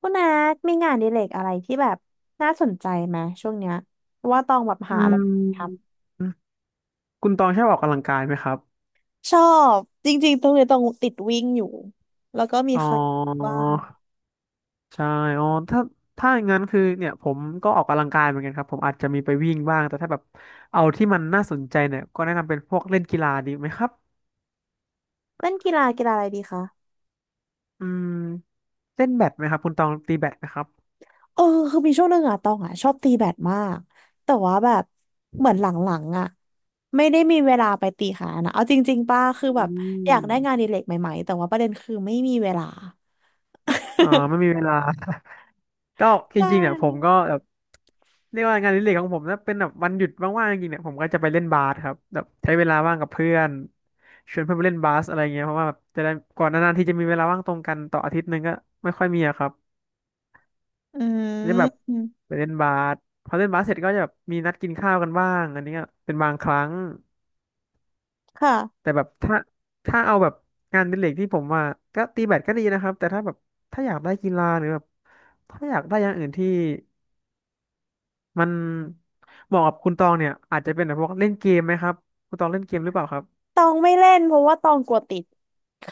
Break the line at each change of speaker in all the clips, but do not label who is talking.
คุณนัทมีงานอดิเรกอะไรที่แบบน่าสนใจไหมช่วงเนี้ยเพราะว่าตองแบบ
อื
หาอะไรท
มคุณตองชอบออกกำลังกายไหมครับ
ำชอบจริงๆตรงนี้ต้องติดวิ่งอยู่แล้วก็มี
อ๋อ
คาร์ดิโอบ้าง
ใช่อ๋อถ้าถ้าอย่างนั้นคือเนี่ยผมก็ออกกำลังกายเหมือนกันครับผมอาจจะมีไปวิ่งบ้างแต่ถ้าแบบเอาที่มันน่าสนใจเนี่ยก็แนะนำเป็นพวกเล่นกีฬาดีไหมครับ
เล่นกีฬากีฬาอะไรดีคะ
อืมเล่นแบดไหมครับคุณตองตีแบดไหมครับ
เออคือมีช่วงหนึ่งอะตองอะชอบตีแบดมากแต่ว่าแบบเหมือนหลังๆอะไม่ได้มีเวลาไปตีขานะเอาจริงๆป้าคือ
อื
แบบอยากได้งานอ
ม
ดิเรกใหม่ๆแต่ว่าประเด็นคือไม่มีเวลา
ไม่มีเวลา ก็จ
ใช
ริงๆเนี่ยผม
่
ก็แบบ เรียกว่างานอดิเรกของผมนะเป็นแบบวันหยุดว่างๆจริงๆเนี่ยผมก็จะไปเล่นบาสครับแบบใช้เวลาว่างกับเพื่อนชวนเพื่อนไปเล่นบาสอะไรเงี้ยเพราะว่าแบบจะได้ก่อนนานๆที่จะมีเวลาว่างตรงกันต่ออาทิตย์หนึงก็ไม่ค่อยมีอะครับ
อื
จะแบบ
ม
ไปเล่นบาสพอเล่นบาสเสร็จก็จะแบบมีนัดกินข้าวกันบ้างอันนี้ก็เป็นบางครั้ง
ค่ะ
แต่แบบถ้าถ้าเอาแบบงานอดิเรกที่ผมว่าก็ตีแบดก็ดีนะครับแต่ถ้าแบบถ้าอยากได้กีฬาหรือแบบถ้าอยากได้อย่างอื่นที่ มันเหมาะกับคุณตองเนี่ยอาจจะเป็นแบบพวกเล่นเกมไหมครับคุณตองเล่นเกมหรือเปล่าครับ
ตองไม่เล่นเพราะว่าตองกลัวติด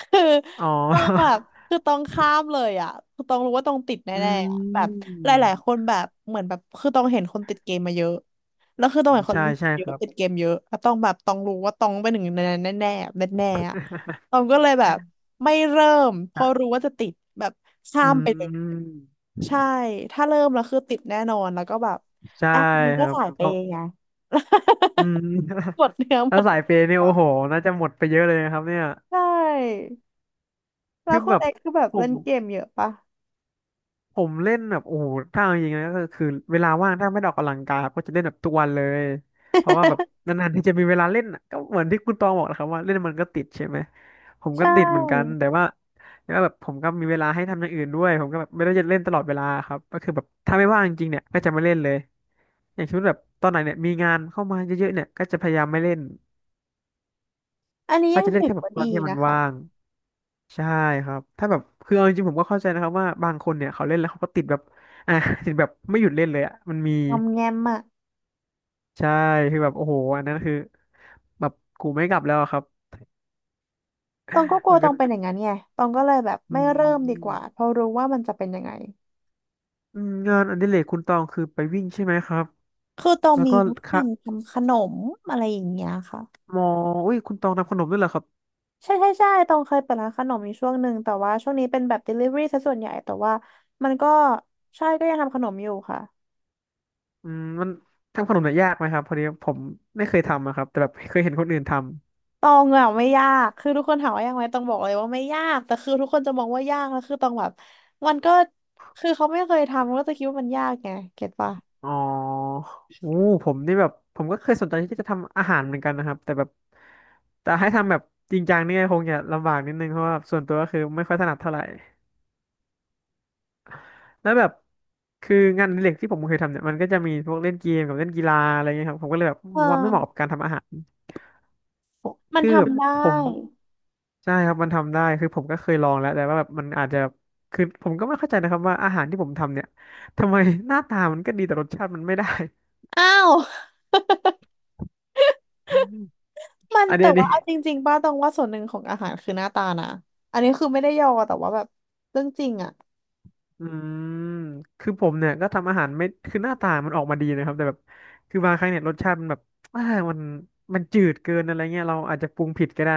คือ
อ๋อ
ตองแบบ คือตองข้ามเลยอ่ะคือตองรู้ว่าตองติด
อื
แน่ๆอะแบบ
ม
หลายๆคนแบบเหมือนแบบคือตองเห็นคนติดเกมมาเยอะ แล้วคือตองเห็นคน
ใช่
เล่น
ใช่
เย
ค
อะ
รับ
ติดเกมเยอะแล้วตองแบบตองรู้ว่าตองเป็นหนึ่งในนั้นแน่ๆแน่ๆอะ ตองก็เลยแบบไม่เริ่มเพราะรู้ว่าจะติดแบบ
อื
ข้ามไปเลย
ม
ใช่ถ้าเริ่มแล้วคือติดแน่นอนแล้วก็แบบ
ใช่
แอปมัน
ค
ก็
รับ
สายเป
เอา
ย์ไง
อืม
หมดเนื้อ หม
แล้ว
ด
สา
ตั
ย
ว
เป
เอ
ย์
ง
เนี่ย
ก่อ
โอ้
น
โหน่าจะหมดไปเยอะเลยนะครับเนี่ย
ใช่ แล้
คื
ว
อ
คุ
แบ
ณ
บ
เอ็กซ์คือแบบ
ผ
เล่
ม
นเกมเยอะปะ
ผมเล่นแบบโอ้โหถ้าเอาจริงๆนะก็คือเวลาว่างถ้าไม่ได้ออกกำลังกายครับก็จะเล่นแบบทุกวันเลย เพราะว่าแบบนานๆที่จะมีเวลาเล่นอะก็เหมือนที่คุณตองบอกนะครับว่าเล่นมันก็ติดใช่ไหมผม
ใช
ก็ติดเหมือนกัน
่
แต่ว่าแบบผมก็มีเวลาให้ทำอย่างอื่นด้วยผมก็แบบไม่ได้จะเล่นตลอดเวลาครับก็คือแบบถ้าไม่ว่างจริงๆเนี่ยก็จะไม่เล่นเลยอย่างเช่นแบบตอนไหนเนี่ยมีงานเข้ามาเยอะๆเนี่ยก็จะพยายามไม่เล่น
อันนี้
ก็
ยัง
จะเล่น
ถือ
แค่แบบ
ว่า
ตอ
ดี
นที่มัน
นะคะ
ว่าง ใช่ครับถ้าแบบคือเอาจริงๆผมก็เข้าใจนะครับว่าบางคนเนี่ยเขาเล่นแล้วเขาก็ติดแบบอ่ะ ติดแบบไม่หยุดเล่นเลยอ่ะมันมี
งอมแงมอะ
ใช่คือแบบโอ้โหอันนั้นคือแบบกูไม่กลับแล้วอะครับ
ตองก็กลั
มั
ว
น
ต
ก็
องเป็นอย่างนั้นไงตองก็เลยแบบ
อื
ไม่เริ่มดีก
ม
ว่าเพราะรู้ว่ามันจะเป็นยังไง
อืมงานอดิเรกคุณตองคือไปวิ่งใช่ไหมครับ
คือตอง
แล้ว
มี
ก็
วิธี
ค่ะ
ทำขนมอะไรอย่างเงี้ยค่ะ
มออุ้ยคุณตองทำขนมด้วยเหรอครับ
ใช่ใช่ใช่ตองเคยเปิดร้านขนมอยู่ช่วงหนึ่งแต่ว่าช่วงนี้เป็นแบบ delivery ซะส่วนใหญ่แต่ว่ามันก็ใช่ก็ยังทำขนมอยู่ค่ะ
อืมมันทำขนมเนี่ยยากไหมครับพอดีผมไม่เคยทำอะครับแต่แบบเคยเห็นคนอื่นท
ตองอะไม่ยากคือทุกคนถามว่ายากไหมตองบอกเลยว่าไม่ยากแต่คือทุกคนจะมองว่ายากแล้วคือตองแบบมันก็คือเขาไม่เคยทำก็จะคิดว่ามันยากไงเก็ตปะ
อ๋อโอ้ผมนี่แบบผมก็เคยสนใจที่จะทำอาหารเหมือนกันนะครับแต่แบบแต่ให้ทำแบบจริงจังนี่คงจะลำบากนิดนึงเพราะว่าส่วนตัวก็คือไม่ค่อยถนัดเท่าไหร่แล้วแบบคืองานอดิเรกที่ผมเคยทำเนี่ยมันก็จะมีพวกเล่นเกมกับเล่นกีฬาอะไรเงี้ยครับผมก็เลยแบบ
เ
ว่าไม่เหมาะกับ
ออ
การทำอาหาร
มัน
คือแบบ
ทำได้
ผมใช่ครับมันทำได้คือผมก็เคยลองแล้วแต่ว่าแบบมันอาจจะคือผมก็ไม่เข้าใจนะครับว่าอาหารที่ผมทำเนี่ยทำไมหน้าตามันก็ดีแต่รสชาติมันไม่ได้
อ้าวมัน
อัน
แต่
นี้
ว่าเอาจริงๆป้าตองว่าส่วนหนึ่งของอาหารคือหน้าตานะอันนี้คือไม่ได้ยอแต่ว่าแบบเรื่องจริงอะ
อืมคือผมเนี่ยก็ทำอาหารไม่คือหน้าตามันออกมาดีนะครับแต่แบบคือบางครั้งเนี่ยรสชาติมันแบบอ่ามันจืดเกินอะไรเงี้ยเราอาจจะปรุงผิดก็ได้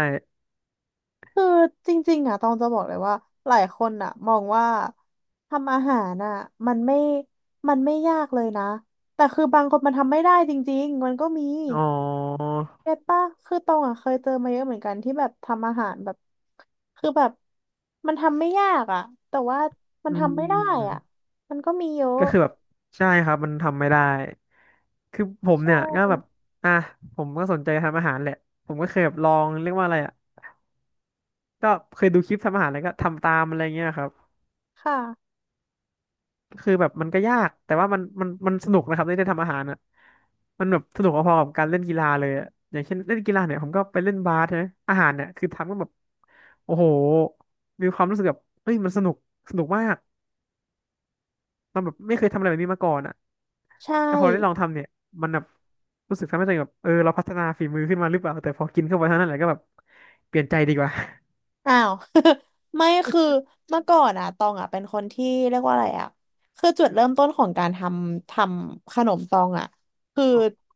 คือจริงๆอ่ะตองจะบอกเลยว่าหลายคนอ่ะมองว่าทำอาหารอ่ะมันไม่มันไม่ยากเลยนะแต่คือบางคนมันทำไม่ได้จริงๆมันก็มี
อ๋อ
เก็ตปะคือตองอ่ะเคยเจอมาเยอะเหมือนกันที่แบบทำอาหารแบบคือแบบมันทำไม่ยากอ่ะแต่ว่ามั
อื
นทำไม่ได้อ่ะ
ม
มันก็มีเยอะ
ก็คือแบบใช่ครับมันทำไม่ได้ คือผม
ใช
เนี่ยก็แบบ
่
อ่ะผมก็สนใจทำอาหารแหละ ผมก็เคยแบบลองเรียกว่าอะไรอ่ะก็เคยดูคลิปทำอาหารแล้วก็ทำตามอะไรเงี้ยครับ
ค่ะ
คือแบบมันก็ยากแต่ว่ามันสนุกนะครับได้ทำอาหารอ่ะมันแบบสนุกพอๆกับการเล่นกีฬาเลยอะอย่างเช่นเล่นกีฬาเนี่ยผมก็ไปเล่นบาสใช่ไหมอาหารเนี่ยคือทำก็แบบโอ้โหมีความรู้สึกแบบเฮ้ยมันสนุกสนุกมากเราแบบไม่เคยทำอะไรแบบนี้มาก่อนอ่ะ
ใช่
แล้วพอได้ลองทำเนี่ยมันแบบรู้สึกทำให้ตัวเองแบบเออเราพัฒนาฝีมือขึ้นมาหรือเปล่าแต่พอกินเข้าไปเท่านั้นแหละก็แบบเปลี่ยนใจดีกว่า
อ้าว ไม่คือเมื่อก่อนอะตองอะเป็นคนที่เรียกว่าอะไรอะคือจุดเริ่มต้นของการทำขนมตองอะคือ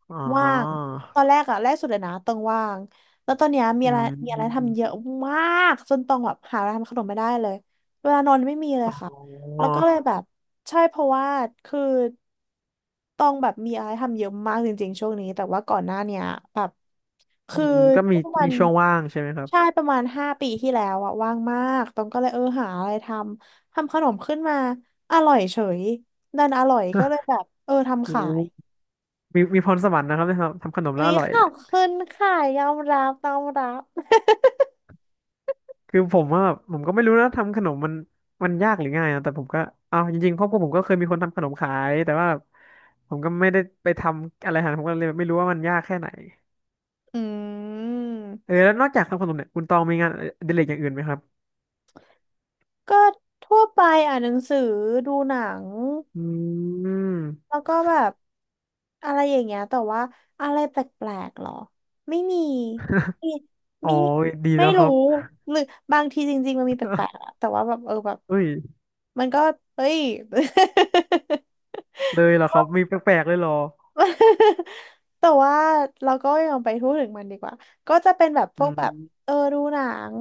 อ๋อ
ว่างตอนแรกอะแรกสุดเลยนะตองว่างแล้วตอนเนี้ยมี
ออื
อะไรทำเยอะ
ม
มากจนตองแบบหาอะไรทำขนมไม่ได้เลยเวลานอนไม่มีเลยค่ะ
อ๋อ
แล้วก็เลยแบบใช่เพราะว่าคือต้องแบบมีอะไรทำเยอะมากจริงๆช่วงนี้แต่ว่าก่อนหน้าเนี้ยแบบ
อื
คือ
มก็
ป
มี
ระมา
มี
ณ
ช่วงว่างใช่ไหมครับ
ใช่ประมาณ5 ปีที่แล้วอะว่างมากต้องก็เลยเออหาอะไรทำขนมขึ้นมาอร่อยเฉยดันอร่อยก็เลยแบบเออ
โอ
ทำขาย
้มีมีพรสวรรค์นะครับเนี่ยครับทำขนม
วัน
แล้วอ
นี้
ร่อย
ขอ
เนี่
บ
ย
คุณค่ะยอมรับยอมรับ
คือผมว่าแบบผมก็ไม่รู้นะทำขนมมันมันยากหรือง่ายนะแต่ผมก็เอาจริงๆครอบครัวผมก็เคยมีคนทำขนมขายแต่ว่าผมก็ไม่ได้ไปทำอะไรหาผมก็เลยไม่รู้ว่ามันยากแค่ไหน
อื
เอ
ม
อแล้วนอกจากทำขนมเนี่ยคุณตองมีงานอดิเรกอย่างอื่นไหมครับ
ก็ทั่วไปอ่านหนังสือดูหนัง
อืม
แล้วก็แบบอะไรอย่างเงี้ยแต่ว่าอะไรแปลกๆหรอไม่มีไม่
อ๋อ
ไม่
ดี
ไม่
แล้วค
รู้
รับ
หรือบางทีจริงๆมันมีแปลกๆอะแต่ว่าแบบเออแบบ
เอ้ย
มันก็เฮ้ย
เลยเหรอครับมีแปลกๆเลยเหรอ
แต่ว่าเราก็ยังไปพูดถึงมันดีกว่าก็จะเป็นแบบพ
อื
วกแบบ
ม
เออดูหนัง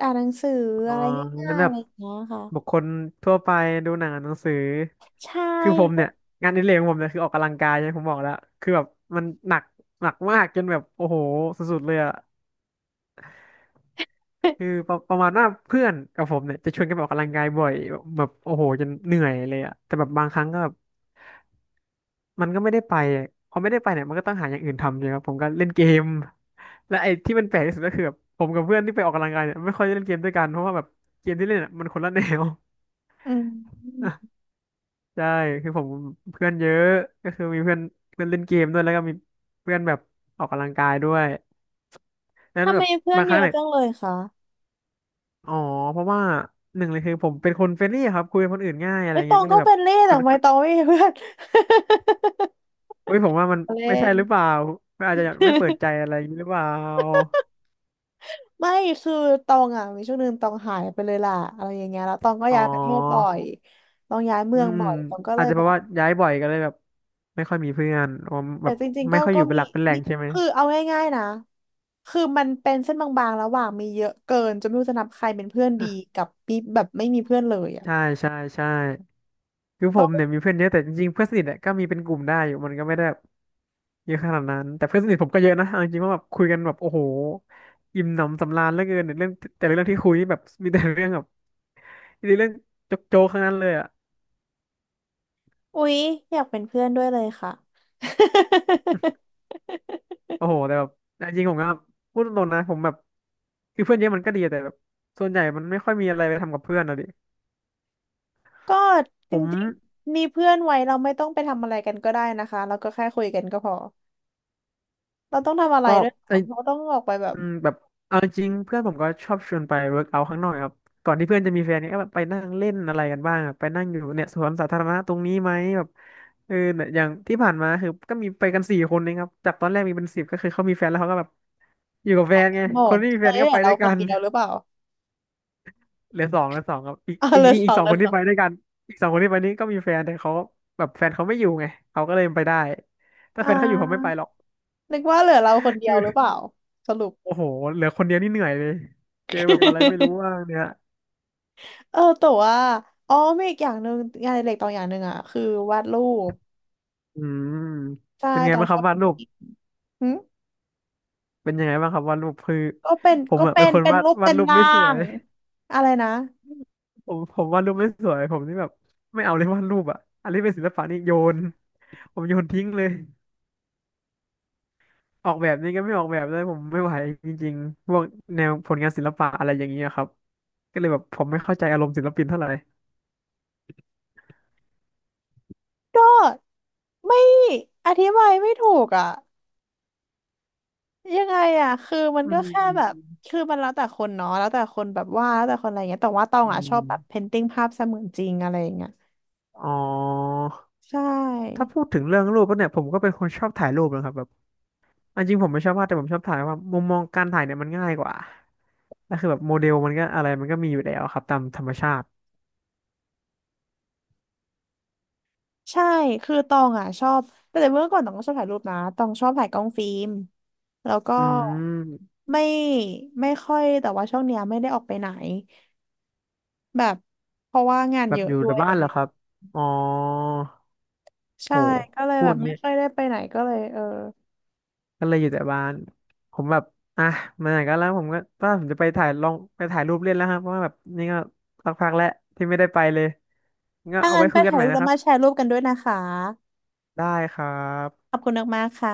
อ่านหนังสือ
อ๋อ
อะไรง่า
งั้น
ยๆ
แบ
อะ
บ
ไรอย่างเงี้ย
บุ
ค่ะ
คคลทั่วไปดูหนังอ่านหนังสือ
ใช่
คือผมเนี่ยงานอดิเรกของผมเนี่ยคือออกกำลังกายใช่ผมบอกแล้วคือแบบมันหนักหนักมากจนแบบโอ้โหสุดๆเลยอะคือประมาณว่าเพื่อนกับผมเนี่ยจะชวนกันไปออกกำลังกายบ่อยแบบโอ้โหจนเหนื่อยเลยอะแต่แบบบางครั้งก็แบบมันก็ไม่ได้ไปอะพอไม่ได้ไปเนี่ยมันก็ต้องหาอย่างอื่นทำใช่ไหมครับผมก็เล่นเกมและไอ้ที่มันแปลกที่สุดก็คือแบบผมกับเพื่อนที่ไปออกกำลังกายเนี่ยไม่ค่อยได้เล่นเกมด้วยกันเพราะว่าแบบเกมที่เล่นอะมันคนละแนว
อืม
ใช่คือผมเพื่อนเยอะก็คือมีเพื่อนเพื่อนเล่นเกมด้วยแล้วก็มีเพื่อนแบบออกกำลังกายด้วยแล้ว
ทำ
แบ
ไม
บ
เพื่อน
บางค
เย
รั้ง
อะ
เนี่ย
จังเลยคะ
อ๋อเพราะว่าหนึ่งเลยคือผมเป็นคนเฟรนลี่ครับคุยกับคนอื่นง่ายอะไร
ไอ้ยต
เงี้
อ
ย
ง
ก็เล
ก็
ยแบบ
เป็นเล่
ค
แต่
น
ทำไมตองไม่มีเพื่อน
เฮ้ยผมว่ามัน
เล่
ไม่ใช่
น
หรือเปล่าอาจจะไม่เปิดใจ อะไรอย่างนี้หรือเปล่า
ไม่คือตองอ่ะมีช่วงหนึ่งตองหายไปเลยล่ะอะไรอย่างเงี้ยแล้วตองก็
อ๋อ
ย้ายประเทศบ่อยตองย้ายเมื
อื
อง
ม
บ่อยตองก็เล
อาจ
ย
จะเพ
แบ
ราะ
บ
ว่าย้ายบ่อยก็เลยแบบไม่ค่อยมีเพื่อนผม
แต่
แบบ
จริงๆ
ไม่
ก็
ค่อยอ
ก็
ยู่เป็น
มี
หลักเป็นแหล่
มี
งใช่ไหม
คือเอาง่ายๆนะคือมันเป็นเส้นบางๆระหว่างมีเยอะเกินจนไม่รู้จะนับใครเป็นเพื่อนดีกับมีแบบไม่มีเพื่อนเลยอ่ะ
ใช่ใช่ใช่ คือ
ต
ผ
อ
ม
ง
เนี่ยมีเพื่อนเยอะแต่จริงๆเพื่อนสนิทเนี่ยก็มีเป็นกลุ่มได้อยู่มันก็ไม่ได้แบบเยอะขนาดนั้นแต่เพื่อนสนิทผมก็เยอะนะเอาจริงๆว่าแบบคุยกันแบบโอ้โหอิ่มหนำสำราญเหลือเกินเนี่ยเรื่องแต่ละเรื่องที่คุยนี่แบบมีแต่เรื่องแบบมีแต่เรื่องโจ๊กๆทั้งนั้นเลยอ่ะ
อุ๊ยอยากเป็นเพื่อนด้วยเลยค่ะ
โอ้โหแต่แบบจริงๆผมก็พูดตรงๆนะผมแบบคือเพื่อนเยอะมันก็ดีแต่แบบส่วนใหญ่มันไม่ค่อยมีอะไรไปทำกับเพื่อนอะดิ
ก็จ
ผ
ร
ม
ิงๆมีเพื่อนไว้เราไม่ต้องไปทำอะไรกันก็ได้นะคะเราก็แค่คุยกันก็พอเราต้องทำอะไร
ก็
ด้วยเห
ไอ
รอเราต้องออกไปแบบ
แบบเอาจริงเพื่อนผมก็ชอบชวนไปเวิร์กเอาท์ข้างนอกครับก่อนที่เพื่อนจะมีแฟนเนี่ยก็แบบไปนั่งเล่นอะไรกันบ้างอะไปนั่งอยู่เนี่ยสวนสาธารณะตรงนี้ไหมแบบเออเนี่ยอย่างที่ผ่านมาคือก็มีไปกันสี่คนเองครับจากตอนแรกมีเป็นสิบก็คือเขามีแฟนแล้วเขาก็แบบอยู่กับแฟนไง
โหม
คน
ด
ที่มี
ต
แฟ
อน
น
นี้
ก็
เหลื
ไป
อ
ด้
เรา
วย
ค
กั
น
น
เดียวหรือเปล่า
เหลือสองเหลือสองครับอีก
อ่า
อี
เห
ก
ลือส
อีก
อง
สอ
เห
ง
ลื
ค
อ
น
ส
ที่
อง
ไปด้วยกันอีกสองคนที่ไปนี้ก็มีแฟนแต่เขาแบบแฟนเขาไม่อยู่ไงเขาก็เลยไปได้ถ้า
อ่
แฟนเขาอยู่เขาไม่ไป
า
หรอก
นึกว่าเหลือเราคนเดี
ค
ยวหรือ
ือ
เปล่าสรุป
โอ้โหเหลือคนเดียวนี่เหนื่อยเลยเจอแบบอะไรไม่รู้ ว่างเนี่ย
เออแต่ว่าอ๋อมีอีกอย่างหนึ่งงานอดิเล็กตอนอย่างหนึ่งอ่ะคือวาดรูป
อืม
ใช่
เป็นไง
ตอน
บ้างค
ช
รั
อ
บ
บ
วาดรูป
หึ
เป็นยังไงบ้างครับวาดรูปคือ
ก็เป็น
ผมอะเป็นคน
เป็น
วาด
รูปเป็น
รูป
ร่า
ไม่สวย
งอะไรนะ
ผมวาดรูปไม่สวยผมนี่แบบไม่เอาเลยวาดรูปอะอันนี้เป็นศิลปะนี่โยนผมโยนทิ้งเลยออกแบบนี้ก็ไม่ออกแบบเลยผมไม่ไหวจริงๆพวกแนวผลงานศิลปะอะไรอย่างเงี้ยครับก็เลยแบบผมไม่เข้าใจอารมณ์ศิลปินเท่าไหร่
ก็ไม่อธิบายไม่ถูกอ่ะยังไงอ่ะคือมัน
อื
ก็แค่แบบ
ม
คือมันแล้วแต่คนเนาะแล้วแต่คนแบบวาดแล้วแต่คนอะไรเงี้ยแต่ว่าตอง
อื
อ่ะชอบแบบเพ
ม
นติ้งภาพเสมือนจริงอะไรอย่างเงี้ย
อ๋อ
ใช
ถ้า
่
พูดถึงเรื่องรูปแล้วเนี่ยผมก็เป็นคนชอบถ่ายรูปนะครับแบบ อันจริงผมไม่ชอบวาดแต่ผมชอบถ่ายว่ามุมมองการถ่ายเนี่ยมันง่ายกว่าแล้วคือแบบโมเดลมันก็อะไรมันก็มีอยู่แล้วครับตามธรรมชาติ
ใช่คือตองอ่ะชอบแต่เมื่อก่อนตองก็ชอบถ่ายรูปนะตองชอบถ่ายกล้องฟิล์มแล้วก็
อืม
ไม่ไม่ค่อยแต่ว่าช่วงเนี้ยไม่ได้ออกไปไหนแบบเพราะว่างาน
แบ
เย
บ
อะ
อยู่
ด้ว
แต่
ยอะไร
บ้า
อ
น
ย่า
เห
ง
รอ
เงี้ย
ครับอ๋อ
ใช่
โห
ก็เลย
พู
แบ
ด
บไม่
งี้
ค่อยได้ไปไหนก็เลยเออ
ก็เลยอยู่แต่บ้านผมแบบอ่ะมาไหนก็แล้วผมก็ว่าผมจะไปถ่ายลองไปถ่ายรูปเล่นแล้วครับเพราะว่าแบบนี่ก็สักพักแล้วที่ไม่ได้ไปเลยงั้น
ถ้า
เอา
งั้
ไว้
นไป
คุยกัน
ถ่าย
ใหม่
รูป
นะ
แล้
ค
ว
รับ
มาแชร์รูปกันด้วยนะคะ
ได้ครั
ข
บ
อบคุณมากๆค่ะ